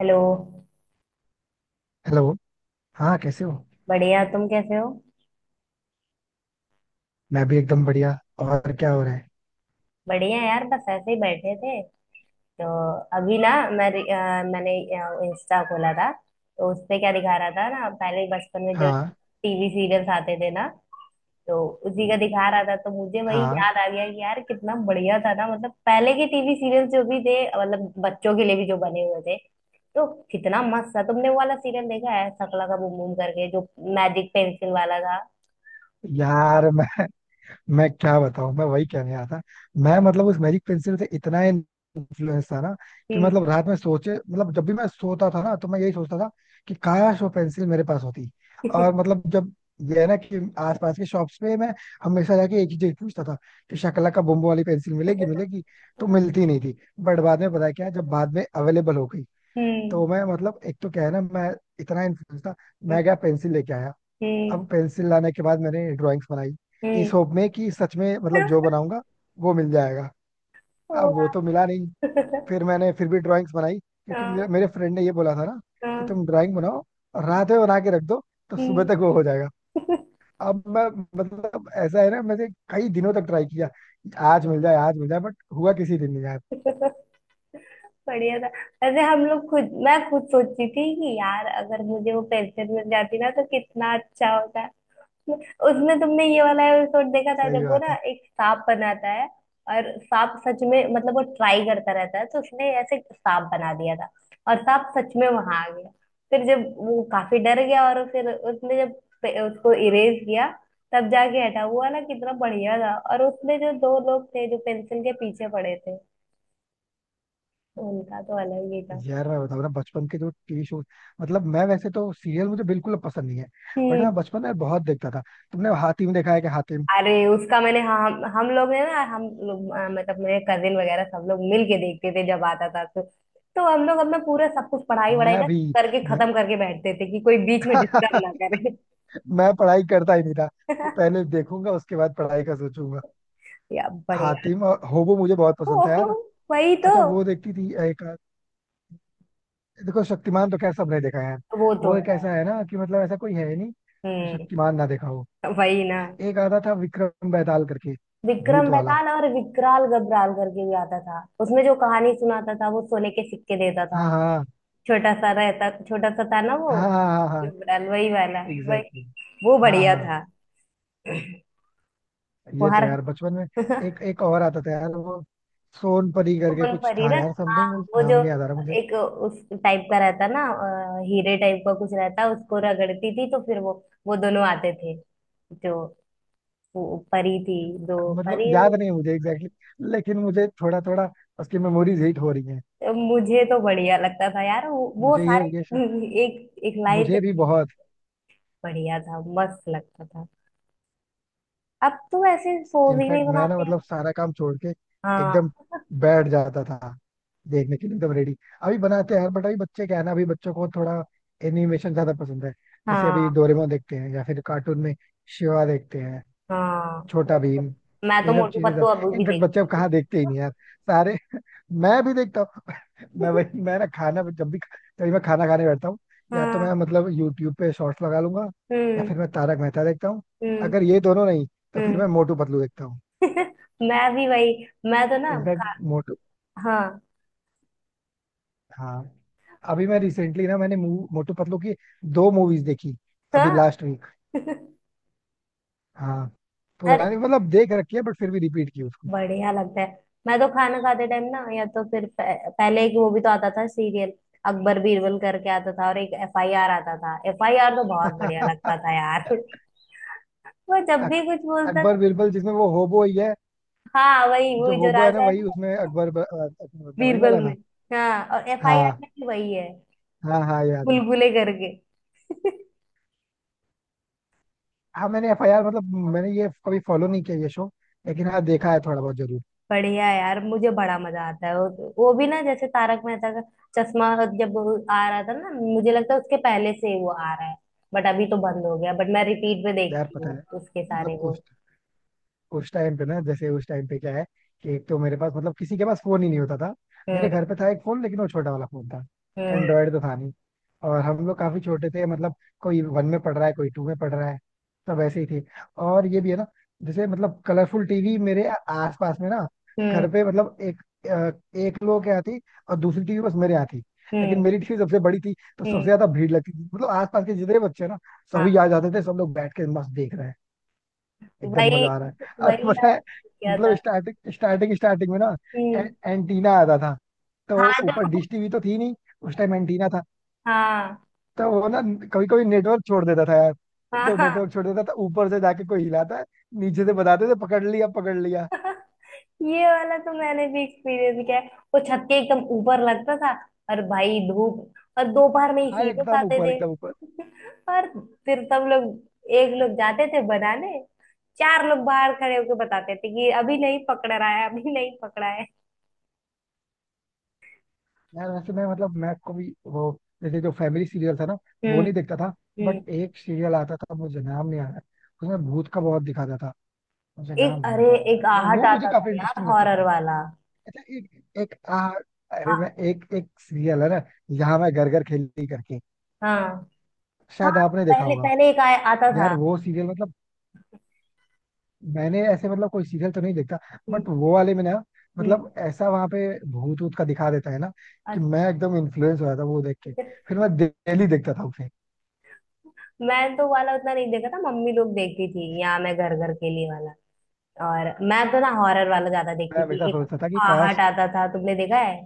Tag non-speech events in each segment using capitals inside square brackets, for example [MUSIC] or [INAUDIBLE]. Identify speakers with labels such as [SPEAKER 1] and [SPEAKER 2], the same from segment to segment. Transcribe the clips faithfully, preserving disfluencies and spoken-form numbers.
[SPEAKER 1] Hello.
[SPEAKER 2] Hello.
[SPEAKER 1] हाँ।
[SPEAKER 2] हाँ, कैसे हो?
[SPEAKER 1] बढ़िया, तुम कैसे हो?
[SPEAKER 2] मैं भी एकदम बढ़िया। और क्या हो रहा है?
[SPEAKER 1] बढ़िया यार, बस ऐसे ही बैठे थे। तो अभी ना, मैं अ, मैंने इंस्टा खोला था। तो उस पे क्या दिखा रहा था ना, पहले बचपन में जो
[SPEAKER 2] हाँ
[SPEAKER 1] टीवी सीरियल्स आते थे ना, तो उसी का दिखा रहा था। तो मुझे वही
[SPEAKER 2] हाँ,
[SPEAKER 1] याद आ गया कि यार, कितना बढ़िया था ना, मतलब पहले के टीवी सीरियल्स जो भी थे, मतलब बच्चों के लिए भी जो बने हुए थे, तो कितना मस्त था। तुमने वो वाला सीरियल देखा है, शकला का बूम बूम करके, जो मैजिक पेंसिल वाला था?
[SPEAKER 2] यार मैं मैं क्या बताऊँ, मैं वही कहने आया था। मैं मतलब उस मैजिक पेंसिल से इतना इन्फ्लुएंस था ना, कि
[SPEAKER 1] हम्म।
[SPEAKER 2] मतलब रात में सोचे, मतलब जब भी मैं सोता था ना तो मैं यही सोचता था कि काश वो पेंसिल मेरे पास होती। और मतलब जब ये है ना, कि आसपास के शॉप्स पे मैं हमेशा जाके एक ही चीज पूछता था कि शकला का बुम्बो वाली पेंसिल मिलेगी मिलेगी। तो मिलती नहीं थी। बट बाद में पता है क्या, जब बाद में अवेलेबल हो गई,
[SPEAKER 1] हम्म।
[SPEAKER 2] तो मैं मतलब एक तो क्या है ना, मैं इतना इन्फ्लुएंस था, मैं गया पेंसिल लेके आया।
[SPEAKER 1] हम्म।
[SPEAKER 2] अब पेंसिल लाने के बाद मैंने ड्राइंग्स बनाई, इस
[SPEAKER 1] हम्म।
[SPEAKER 2] होप में कि सच में मतलब जो बनाऊंगा वो मिल जाएगा। अब वो तो
[SPEAKER 1] [LAUGHS]
[SPEAKER 2] मिला नहीं। फिर मैंने फिर भी ड्राइंग्स बनाई क्योंकि
[SPEAKER 1] हाँ,
[SPEAKER 2] मेरे, मेरे फ्रेंड ने ये बोला था ना कि
[SPEAKER 1] हाँ,
[SPEAKER 2] तुम ड्राइंग बनाओ और रात में बना के रख दो तो सुबह
[SPEAKER 1] हम्म।
[SPEAKER 2] तक वो हो जाएगा।
[SPEAKER 1] [LAUGHS]
[SPEAKER 2] अब मैं मतलब ऐसा है ना, मैंने कई दिनों तक ट्राई किया, आज मिल जाए आज मिल जाए, बट हुआ किसी दिन नहीं यार।
[SPEAKER 1] बढ़िया था। वैसे हम लोग खुद मैं खुद सोचती थी कि यार, अगर मुझे वो पेंशन मिल जाती ना, तो कितना अच्छा होता। उसमें तुमने ये वाला एपिसोड देखा था,
[SPEAKER 2] सही
[SPEAKER 1] जब वो
[SPEAKER 2] बात
[SPEAKER 1] ना
[SPEAKER 2] है।
[SPEAKER 1] एक सांप बनाता है, और सांप सच में, मतलब वो ट्राई करता रहता है, तो उसने ऐसे सांप बना दिया था, और सांप सच में वहां आ गया। फिर जब वो काफी डर गया, और फिर उसने जब पे- उसको इरेज किया, तब जाके हटा वो वाला। कितना बढ़िया था, और उसमें जो दो लोग थे जो पेंसिल के पीछे पड़े थे, उनका तो अलग ही था।
[SPEAKER 2] यार मैं बताऊँ ना, बचपन के जो टीवी शो, मतलब मैं वैसे तो सीरियल मुझे बिल्कुल पसंद नहीं है, बट मैं
[SPEAKER 1] हम्म।
[SPEAKER 2] बचपन में बहुत देखता था। तुमने हातिम देखा है कि हातिम?
[SPEAKER 1] अरे, उसका मैंने, हाँ, हम हम लोग ने ना, हम लोग अ, मतलब मेरे कजिन वगैरह सब लोग मिल के देखते थे जब आता था। तो तो हम लोग अपना पूरा सब कुछ पढ़ाई वढ़ाई
[SPEAKER 2] मैं
[SPEAKER 1] ना
[SPEAKER 2] भी।
[SPEAKER 1] करके,
[SPEAKER 2] मैं
[SPEAKER 1] खत्म करके बैठते थे कि कोई बीच में डिस्टर्ब ना
[SPEAKER 2] [LAUGHS]
[SPEAKER 1] करे।
[SPEAKER 2] मैं पढ़ाई करता ही नहीं था कि
[SPEAKER 1] [LAUGHS]
[SPEAKER 2] पहले देखूंगा उसके बाद पढ़ाई का सोचूंगा।
[SPEAKER 1] या, बढ़िया।
[SPEAKER 2] हातिम और होबो मुझे बहुत पसंद था
[SPEAKER 1] ओहो,
[SPEAKER 2] यार।
[SPEAKER 1] वही तो।
[SPEAKER 2] अच्छा, वो देखती थी एक, देखो शक्तिमान तो खैर सबने देखा है,
[SPEAKER 1] वो तो
[SPEAKER 2] वो
[SPEAKER 1] है।
[SPEAKER 2] एक ऐसा है ना कि मतलब ऐसा कोई है ही नहीं जो
[SPEAKER 1] हम्म।
[SPEAKER 2] शक्तिमान ना देखा हो।
[SPEAKER 1] वही ना।
[SPEAKER 2] एक आता था विक्रम बेताल करके, भूत
[SPEAKER 1] विक्रम
[SPEAKER 2] वाला।
[SPEAKER 1] बेताल, और विकराल गब्राल करके भी आता था, उसमें जो कहानी सुनाता था वो सोने के सिक्के देता था।
[SPEAKER 2] हाँ हाँ
[SPEAKER 1] छोटा सा रहता, छोटा सा था ना वो,
[SPEAKER 2] हाँ हाँ हाँ हाँ हाँ, हाँ,
[SPEAKER 1] गब्राल वही वाला। वही।
[SPEAKER 2] Exactly exactly।
[SPEAKER 1] वो
[SPEAKER 2] हाँ
[SPEAKER 1] बढ़िया
[SPEAKER 2] हाँ।
[SPEAKER 1] था। वो
[SPEAKER 2] ये तो
[SPEAKER 1] हर...
[SPEAKER 2] यार बचपन में, एक एक और आता था यार वो, सोनपरी करके
[SPEAKER 1] सोन
[SPEAKER 2] कुछ
[SPEAKER 1] परी
[SPEAKER 2] था
[SPEAKER 1] ना।
[SPEAKER 2] यार,
[SPEAKER 1] हाँ।
[SPEAKER 2] समथिंग,
[SPEAKER 1] वो
[SPEAKER 2] नाम
[SPEAKER 1] जो,
[SPEAKER 2] नहीं याद आ रहा मुझे।
[SPEAKER 1] एक उस टाइप का रहता ना, अ, हीरे टाइप का कुछ रहता, उसको रगड़ती थी तो फिर वो वो दोनों आते थे, जो, वो परी थी, दो
[SPEAKER 2] मतलब
[SPEAKER 1] परी। और
[SPEAKER 2] याद नहीं है मुझे एग्जैक्टली exactly, लेकिन मुझे थोड़ा थोड़ा उसकी मेमोरीज हिट हो रही हैं।
[SPEAKER 1] मुझे तो बढ़िया लगता था यार, वो, वो
[SPEAKER 2] मुझे ये
[SPEAKER 1] सारे।
[SPEAKER 2] ये श-
[SPEAKER 1] [LAUGHS] एक एक लाइन से
[SPEAKER 2] मुझे भी बहुत।
[SPEAKER 1] बढ़िया था, मस्त लगता था। अब तो ऐसे शोज ही नहीं
[SPEAKER 2] इनफैक्ट मैं ना
[SPEAKER 1] बनाते हैं।
[SPEAKER 2] मतलब सारा काम छोड़ के
[SPEAKER 1] हाँ,
[SPEAKER 2] एकदम बैठ जाता था, देखने के लिए एकदम रेडी। अभी बनाते हैं यार, बट अभी बच्चे क्या है ना, अभी बच्चों को थोड़ा एनिमेशन ज्यादा पसंद है। जैसे अभी
[SPEAKER 1] हाँ,
[SPEAKER 2] डोरेमोन देखते हैं या फिर कार्टून में शिवा देखते हैं,
[SPEAKER 1] हाँ।
[SPEAKER 2] छोटा
[SPEAKER 1] मोटू
[SPEAKER 2] भीम,
[SPEAKER 1] पतलू। मैं तो
[SPEAKER 2] ये सब
[SPEAKER 1] मोटू
[SPEAKER 2] चीजें।
[SPEAKER 1] पतलू
[SPEAKER 2] सब
[SPEAKER 1] अभी भी
[SPEAKER 2] इनफेक्ट बच्चे अब
[SPEAKER 1] देखती हूँ।
[SPEAKER 2] कहाँ देखते ही नहीं यार सारे [LAUGHS] मैं भी देखता हूँ। [LAUGHS] मैं वही
[SPEAKER 1] [LAUGHS]
[SPEAKER 2] मैं ना खाना जब भी जब भी मैं खाना खाने बैठता हूँ, या तो मैं
[SPEAKER 1] हाँ।
[SPEAKER 2] मतलब यूट्यूब पे शॉर्ट्स लगा लूंगा, या
[SPEAKER 1] हम्म।
[SPEAKER 2] फिर मैं तारक मेहता देखता हूँ।
[SPEAKER 1] हम्म।
[SPEAKER 2] अगर ये दोनों नहीं तो फिर मैं
[SPEAKER 1] हम्म।
[SPEAKER 2] मोटू पतलू देखता हूँ।
[SPEAKER 1] मैं भी वही, मैं तो ना
[SPEAKER 2] इनफैक्ट
[SPEAKER 1] खा...
[SPEAKER 2] मोटू
[SPEAKER 1] हाँ।
[SPEAKER 2] हाँ, अभी मैं रिसेंटली ना, मैंने मू- मोटू पतलू की दो मूवीज देखी, अभी
[SPEAKER 1] हाँ।
[SPEAKER 2] Last week.
[SPEAKER 1] [LAUGHS]
[SPEAKER 2] हाँ,
[SPEAKER 1] अरे,
[SPEAKER 2] पुरानी मतलब देख रखी है बट फिर भी रिपीट की उसको।
[SPEAKER 1] बढ़िया लगता है। मैं तो खाना खाते टाइम ना, या तो फिर पह, पहले, एक वो भी तो आता था सीरियल, अकबर बीरबल करके आता था, और एक एफआईआर आता था। एफआईआर तो बहुत बढ़िया
[SPEAKER 2] [LAUGHS]
[SPEAKER 1] लगता था यार। [LAUGHS] वो जब भी
[SPEAKER 2] अक-
[SPEAKER 1] कुछ बोलता
[SPEAKER 2] अकबर
[SPEAKER 1] था।
[SPEAKER 2] बिरबल, जिसमें वो होबो ही है,
[SPEAKER 1] हाँ, वही
[SPEAKER 2] जो
[SPEAKER 1] वही जो
[SPEAKER 2] होबो है ना
[SPEAKER 1] राजा है
[SPEAKER 2] वही
[SPEAKER 1] ना,
[SPEAKER 2] उसमें अकबर ब- अ, अकबर बनता है वही
[SPEAKER 1] बीरबल
[SPEAKER 2] वाला
[SPEAKER 1] में।
[SPEAKER 2] ना।
[SPEAKER 1] हाँ, और एफआईआर
[SPEAKER 2] हाँ
[SPEAKER 1] में भी वही है,
[SPEAKER 2] हाँ हाँ, याद है।
[SPEAKER 1] बुलबुले करके।
[SPEAKER 2] हाँ, मैंने एफ आई आर मतलब मैंने ये कभी फॉलो नहीं किया ये शो, लेकिन हाँ देखा है थोड़ा बहुत जरूर।
[SPEAKER 1] बढ़िया है यार, मुझे बड़ा मजा आता है। वो वो भी ना, जैसे तारक मेहता का चश्मा जब आ रहा था ना, मुझे लगता है उसके पहले से ही वो आ रहा है, बट अभी तो बंद हो गया। बट मैं रिपीट पे
[SPEAKER 2] यार
[SPEAKER 1] देखती
[SPEAKER 2] पता
[SPEAKER 1] हूँ
[SPEAKER 2] है,
[SPEAKER 1] उसके सारे
[SPEAKER 2] मतलब
[SPEAKER 1] वो।
[SPEAKER 2] उस उस टाइम पे ना, जैसे उस टाइम पे क्या है कि एक तो मेरे पास मतलब किसी के पास फोन ही नहीं होता था, मेरे
[SPEAKER 1] हम्म।
[SPEAKER 2] घर पे था एक फोन लेकिन वो छोटा वाला फोन था,
[SPEAKER 1] हम्म।
[SPEAKER 2] एंड्रॉयड तो था नहीं। और हम लोग काफी छोटे थे मतलब, कोई वन में पढ़ रहा है कोई टू में पढ़ रहा है, सब ऐसे ही थे। और ये भी है ना, जैसे मतलब कलरफुल टीवी मेरे आसपास में ना,
[SPEAKER 1] हम्म।
[SPEAKER 2] घर पे मतलब एक अ, एक लोग के यहाँ थी, और दूसरी टीवी बस मेरे यहाँ थी। लेकिन
[SPEAKER 1] हम्म।
[SPEAKER 2] मेरी टीवी सबसे बड़ी थी तो सबसे
[SPEAKER 1] हम्म।
[SPEAKER 2] ज्यादा भीड़ लगती थी, मतलब आसपास के जितने बच्चे ना, सभी
[SPEAKER 1] हाँ,
[SPEAKER 2] आ जाते थे, सब लोग बैठ के मस्त देख रहे हैं, एकदम
[SPEAKER 1] वही
[SPEAKER 2] मजा आ रहा है। और
[SPEAKER 1] वही
[SPEAKER 2] पता
[SPEAKER 1] यार।
[SPEAKER 2] है,
[SPEAKER 1] क्या था?
[SPEAKER 2] मतलब स्टार्टिंग स्टार्टिंग स्टार्टिंग में ना, ए-
[SPEAKER 1] हम्म।
[SPEAKER 2] एंटीना आता था, तो
[SPEAKER 1] हाँ,
[SPEAKER 2] ऊपर
[SPEAKER 1] जो...
[SPEAKER 2] डिश टीवी तो थी नहीं, उस टाइम एंटीना था।
[SPEAKER 1] हाँ,
[SPEAKER 2] तो वो ना कभी कभी नेटवर्क छोड़ देता था यार,
[SPEAKER 1] हाँ,
[SPEAKER 2] तो
[SPEAKER 1] हाँ।
[SPEAKER 2] नेटवर्क छोड़ देता था तो ऊपर से जाके कोई हिलाता है, नीचे से बताते थे पकड़ लिया पकड़ लिया।
[SPEAKER 1] [LAUGHS] ये वाला तो मैंने भी एक्सपीरियंस किया है। वो छत के एकदम ऊपर लगता था, और भाई धूप और दोपहर में ही
[SPEAKER 2] हाँ
[SPEAKER 1] सीरियस
[SPEAKER 2] एकदम
[SPEAKER 1] आते
[SPEAKER 2] ऊपर
[SPEAKER 1] थे।
[SPEAKER 2] एकदम ऊपर।
[SPEAKER 1] [LAUGHS] और फिर सब लोग, एक लोग जाते थे बनाने, चार लोग बाहर खड़े होकर बताते थे कि अभी नहीं पकड़ रहा है, अभी नहीं पकड़ा है।
[SPEAKER 2] यार वैसे मैं मतलब मैं को भी वो, जैसे जो फैमिली सीरियल था ना वो
[SPEAKER 1] हम्म।
[SPEAKER 2] नहीं देखता था,
[SPEAKER 1] हम्म।
[SPEAKER 2] बट एक सीरियल आता था, मुझे नाम नहीं आ रहा है, उसमें भूत का बहुत दिखाता था, मुझे नाम
[SPEAKER 1] एक
[SPEAKER 2] नहीं
[SPEAKER 1] अरे
[SPEAKER 2] आता रहा है।
[SPEAKER 1] एक
[SPEAKER 2] वो
[SPEAKER 1] आहट
[SPEAKER 2] वो मुझे
[SPEAKER 1] आता था
[SPEAKER 2] काफी
[SPEAKER 1] यार,
[SPEAKER 2] इंटरेस्टिंग लगता
[SPEAKER 1] हॉरर
[SPEAKER 2] था।
[SPEAKER 1] वाला।
[SPEAKER 2] अच्छा, एक एक आ, अरे
[SPEAKER 1] आ,
[SPEAKER 2] मैं, एक एक सीरियल है ना, यहाँ मैं घर घर खेली करके,
[SPEAKER 1] हाँ, हाँ।
[SPEAKER 2] शायद आपने देखा
[SPEAKER 1] पहले
[SPEAKER 2] होगा।
[SPEAKER 1] पहले एक आया आता
[SPEAKER 2] यार
[SPEAKER 1] था।
[SPEAKER 2] वो सीरियल मतलब, मैंने ऐसे मतलब कोई सीरियल तो नहीं देखता,
[SPEAKER 1] हम्म।
[SPEAKER 2] बट वो वाले में ना,
[SPEAKER 1] हम्म।
[SPEAKER 2] मतलब ऐसा वहां पे भूत ऊत का दिखा देता है ना कि मैं एकदम इन्फ्लुएंस हो जाता वो देख के,
[SPEAKER 1] अच्छा।
[SPEAKER 2] फिर मैं डेली देखता था उसे।
[SPEAKER 1] मैं तो वाला उतना नहीं देखा था, मम्मी लोग देखती थी, यहाँ मैं घर घर के लिए वाला। और मैं तो ना हॉरर वाला ज्यादा
[SPEAKER 2] मैं
[SPEAKER 1] देखती थी।
[SPEAKER 2] हमेशा
[SPEAKER 1] एक
[SPEAKER 2] सोचता था कि काश।
[SPEAKER 1] आहट आता था, तुमने देखा है?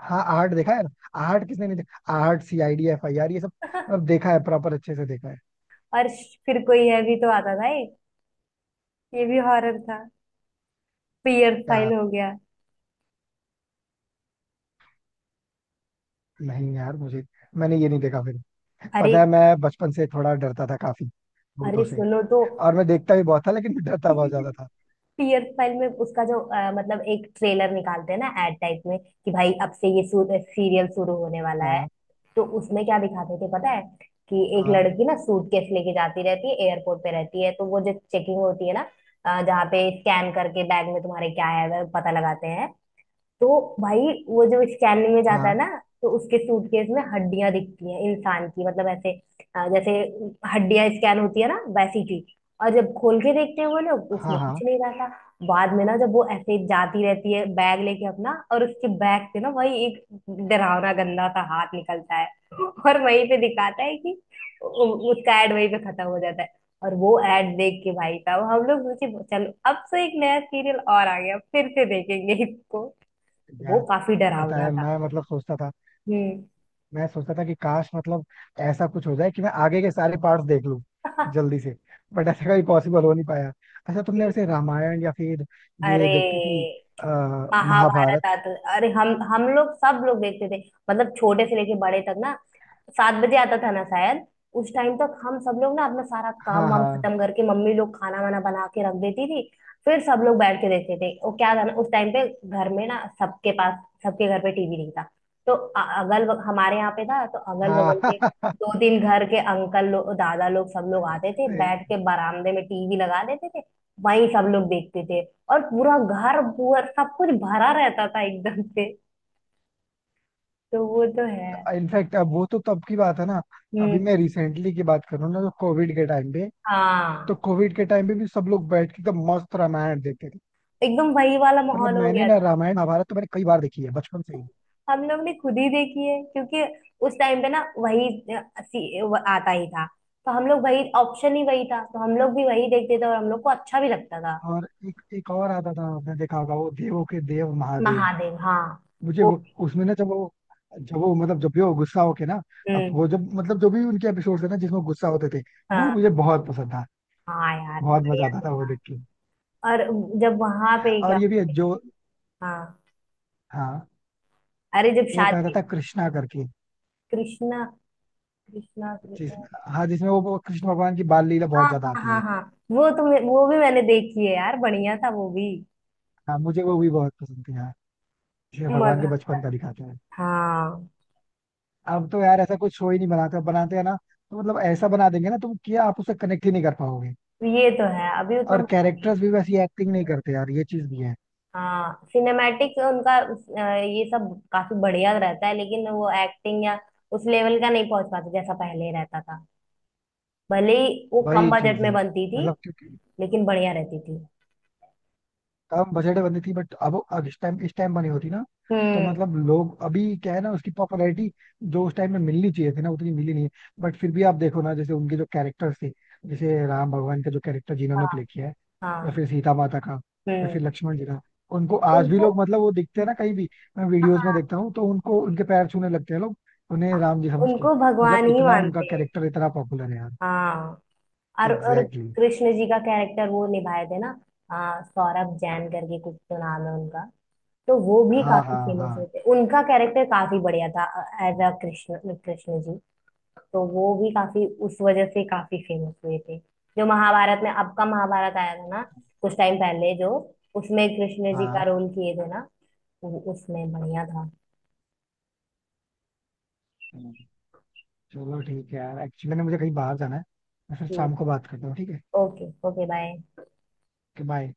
[SPEAKER 2] हाँ आर्ट देखा है ना, आर्ट किसने नहीं देखा, art C I D F I are ये सब,
[SPEAKER 1] [LAUGHS]
[SPEAKER 2] मतलब देखा है प्रॉपर अच्छे से देखा है।
[SPEAKER 1] और फिर कोई है भी तो आता था, एक ये भी हॉरर था, पियर
[SPEAKER 2] यार,
[SPEAKER 1] फाइल हो गया।
[SPEAKER 2] नहीं यार मुझे, मैंने ये नहीं देखा फिर।
[SPEAKER 1] अरे,
[SPEAKER 2] पता है, मैं बचपन से थोड़ा डरता था काफी
[SPEAKER 1] अरे
[SPEAKER 2] भूतों से,
[SPEAKER 1] सुनो तो,
[SPEAKER 2] और मैं देखता भी बहुत था लेकिन मैं डरता बहुत ज्यादा था।
[SPEAKER 1] पियर फाइल में उसका जो अ, मतलब एक ट्रेलर निकालते हैं ना, एड टाइप में, कि भाई अब से ये सीरियल शुरू होने वाला है,
[SPEAKER 2] हाँ
[SPEAKER 1] तो उसमें क्या दिखाते थे पता है? कि एक
[SPEAKER 2] हाँ
[SPEAKER 1] लड़की ना सूटकेस लेके जाती रहती है, एयरपोर्ट पे रहती है, तो वो जो चेकिंग होती है ना, अ, जहाँ पे स्कैन करके बैग में तुम्हारे क्या है अगर पता लगाते हैं, तो भाई वो जो स्कैनिंग में जाता है ना,
[SPEAKER 2] हाँ
[SPEAKER 1] तो उसके सूटकेस में हड्डियां दिखती हैं, इंसान की, मतलब ऐसे अ, जैसे हड्डियां स्कैन होती है ना वैसी की। और जब खोल के देखते हैं वो लोग, तो उसमें
[SPEAKER 2] हाँ हाँ।
[SPEAKER 1] कुछ नहीं रहता। बाद में ना जब वो ऐसे जाती रहती है बैग लेके अपना, और उसके बैग से ना वही एक डरावना गंदा सा हाथ निकलता है, और वहीं पे दिखाता है कि उ- उसका एड वहीं पे खत्म हो जाता है। और वो एड देख के भाई साहब, हम लोग सोचे चलो अब से एक नया सीरियल और आ गया, फिर से देखेंगे इसको। वो
[SPEAKER 2] यार
[SPEAKER 1] काफी
[SPEAKER 2] पता
[SPEAKER 1] डरावना
[SPEAKER 2] है,
[SPEAKER 1] था।
[SPEAKER 2] मैं मतलब सोचता था,
[SPEAKER 1] हम्म।
[SPEAKER 2] मैं सोचता था कि काश, मतलब ऐसा कुछ हो जाए कि मैं आगे के सारे पार्ट्स देख लूं जल्दी से, बट ऐसा कभी पॉसिबल हो नहीं पाया। अच्छा, तुमने
[SPEAKER 1] [LAUGHS]
[SPEAKER 2] वैसे रामायण या फिर
[SPEAKER 1] अरे,
[SPEAKER 2] ये देखती थी, अ, महाभारत?
[SPEAKER 1] महाभारत आता, अरे हम हम लोग सब लोग देखते थे, मतलब छोटे से लेके बड़े तक ना, सात बजे आता था ना शायद। उस टाइम तक हम सब लोग ना अपना सारा काम
[SPEAKER 2] हाँ
[SPEAKER 1] वाम
[SPEAKER 2] हाँ
[SPEAKER 1] खत्म करके, मम्मी लोग खाना वाना बना के रख देती थी, फिर सब लोग बैठ के देखते थे। वो क्या था ना, उस टाइम पे घर में ना सबके पास, सबके घर पे टीवी नहीं था, तो अ- अगल बग- हमारे यहाँ पे था, तो अगल बगल
[SPEAKER 2] हाँ।
[SPEAKER 1] के दो तीन घर के अंकल लोग, दादा लोग, सब लोग आते थे, बैठ के बरामदे में टीवी लगा देते थे, वहीं सब लोग देखते थे। और पूरा घर पूरा सब कुछ भरा रहता था एकदम से। तो वो तो है।
[SPEAKER 2] [LAUGHS] इनफैक्ट अब वो तो तब की बात है ना। अभी
[SPEAKER 1] हम्म।
[SPEAKER 2] मैं रिसेंटली की बात करूँ ना, तो कोविड के टाइम पे, तो
[SPEAKER 1] हाँ,
[SPEAKER 2] कोविड के टाइम पे भी सब लोग बैठ के एकदम मस्त रामायण देखते थे।
[SPEAKER 1] एकदम वही वाला
[SPEAKER 2] मतलब
[SPEAKER 1] माहौल हो
[SPEAKER 2] मैंने
[SPEAKER 1] गया
[SPEAKER 2] ना
[SPEAKER 1] था।
[SPEAKER 2] रामायण महाभारत तो मैंने कई बार देखी है बचपन से ही।
[SPEAKER 1] हम लोग ने खुद ही देखी है, क्योंकि उस टाइम पे ना वही अ, सी- वो आता ही था, तो हम लोग वही, ऑप्शन ही वही था, तो हम लोग भी वही देखते थे, और हम लोग को अच्छा भी लगता था।
[SPEAKER 2] और एक एक और आता था, आपने देखा होगा, वो देवों के देव महादेव।
[SPEAKER 1] महादेव, हाँ
[SPEAKER 2] मुझे
[SPEAKER 1] वो।
[SPEAKER 2] वो, उसमें ना जब वो जब वो मतलब जब भी वो गुस्सा होके ना, अब
[SPEAKER 1] हम्म।
[SPEAKER 2] वो जब मतलब जो भी उनके एपिसोड थे ना जिसमें गुस्सा होते थे, वो
[SPEAKER 1] हाँ।
[SPEAKER 2] मुझे बहुत पसंद था,
[SPEAKER 1] हाँ यार,
[SPEAKER 2] बहुत मजा
[SPEAKER 1] बढ़िया
[SPEAKER 2] आता
[SPEAKER 1] तो
[SPEAKER 2] था वो
[SPEAKER 1] था।
[SPEAKER 2] देख के।
[SPEAKER 1] और जब वहां पे
[SPEAKER 2] और
[SPEAKER 1] क्या,
[SPEAKER 2] ये भी है, जो,
[SPEAKER 1] हाँ,
[SPEAKER 2] हाँ,
[SPEAKER 1] अरे जब
[SPEAKER 2] एक आता
[SPEAKER 1] शादी,
[SPEAKER 2] था कृष्णा करके,
[SPEAKER 1] कृष्णा कृष्णा कृ-,
[SPEAKER 2] जिस हाँ जिसमें वो वो कृष्ण भगवान की बाल लीला
[SPEAKER 1] हाँ,
[SPEAKER 2] बहुत ज्यादा
[SPEAKER 1] हाँ,
[SPEAKER 2] आती
[SPEAKER 1] हाँ,
[SPEAKER 2] है।
[SPEAKER 1] हाँ। वो तो मैं- वो भी मैंने देखी है यार, बढ़िया था वो भी।
[SPEAKER 2] हाँ मुझे वो भी बहुत पसंद थी। हाँ, ये भगवान
[SPEAKER 1] मजा
[SPEAKER 2] के
[SPEAKER 1] आता
[SPEAKER 2] बचपन
[SPEAKER 1] है।
[SPEAKER 2] का दिखाते हैं।
[SPEAKER 1] हाँ।
[SPEAKER 2] अब तो यार ऐसा कुछ शो ही नहीं बनाते, अब बनाते हैं ना तो मतलब ऐसा बना देंगे ना, तुम किया आप उससे कनेक्ट ही नहीं कर पाओगे।
[SPEAKER 1] ये तो है। अभी उतना,
[SPEAKER 2] और कैरेक्टर्स भी वैसी एक्टिंग नहीं करते यार, ये चीज भी है।
[SPEAKER 1] हाँ, सिनेमैटिक उनका अ, ये सब काफी बढ़िया रहता है, लेकिन वो एक्टिंग या उस लेवल का नहीं पहुंच पाता जैसा पहले रहता था। भले ही वो कम
[SPEAKER 2] वही
[SPEAKER 1] बजट
[SPEAKER 2] चीज
[SPEAKER 1] में
[SPEAKER 2] है
[SPEAKER 1] बनती थी,
[SPEAKER 2] मतलब, क्योंकि
[SPEAKER 1] लेकिन बढ़िया रहती थी।
[SPEAKER 2] कम बजट में बनी थी, बट अब अब इस टाइम इस टाइम बनी होती ना, तो
[SPEAKER 1] हम्म।
[SPEAKER 2] मतलब लोग अभी क्या है ना, उसकी पॉपुलैरिटी जो उस टाइम में मिलनी चाहिए थी ना उतनी मिली नहीं, बट फिर भी आप देखो ना, जैसे उनके जो कैरेक्टर्स थे, जैसे राम भगवान का जो कैरेक्टर जिन्होंने
[SPEAKER 1] हाँ।
[SPEAKER 2] प्ले किया है, या
[SPEAKER 1] हाँ।
[SPEAKER 2] फिर सीता माता का, या
[SPEAKER 1] हम्म।
[SPEAKER 2] फिर लक्ष्मण जी का, उनको आज भी
[SPEAKER 1] उनको,
[SPEAKER 2] लोग मतलब वो दिखते हैं ना कहीं भी, मैं वीडियोस में
[SPEAKER 1] हाँ,
[SPEAKER 2] देखता हूँ तो उनको उनके पैर छूने लगते हैं लोग, उन्हें राम जी समझ के,
[SPEAKER 1] उनको
[SPEAKER 2] मतलब
[SPEAKER 1] भगवान ही
[SPEAKER 2] इतना उनका
[SPEAKER 1] मानते हैं।
[SPEAKER 2] कैरेक्टर इतना पॉपुलर है यार।
[SPEAKER 1] हाँ, और और
[SPEAKER 2] एग्जैक्टली exactly।
[SPEAKER 1] कृष्ण जी का कैरेक्टर वो निभाए थे ना, आ, सौरभ जैन करके कुछ तो नाम है उनका, तो वो भी
[SPEAKER 2] हाँ
[SPEAKER 1] काफी
[SPEAKER 2] हाँ हाँ
[SPEAKER 1] फेमस हुए थे, उनका कैरेक्टर काफी बढ़िया था, एज अ कृष्ण कृष्ण जी, तो वो भी काफी उस वजह से काफी फेमस हुए थे। जो महाभारत में, अब का महाभारत आया था ना कुछ टाइम पहले जो, उसमें कृष्ण जी का रोल किए थे ना, वो उसमें बढ़िया था।
[SPEAKER 2] हाँ। चलो ठीक है यार, एक्चुअली ना मुझे कहीं बाहर जाना है, मैं फिर
[SPEAKER 1] कि
[SPEAKER 2] शाम को बात करता हूँ, ठीक है?
[SPEAKER 1] Okay, okay, bye.
[SPEAKER 2] Okay bye.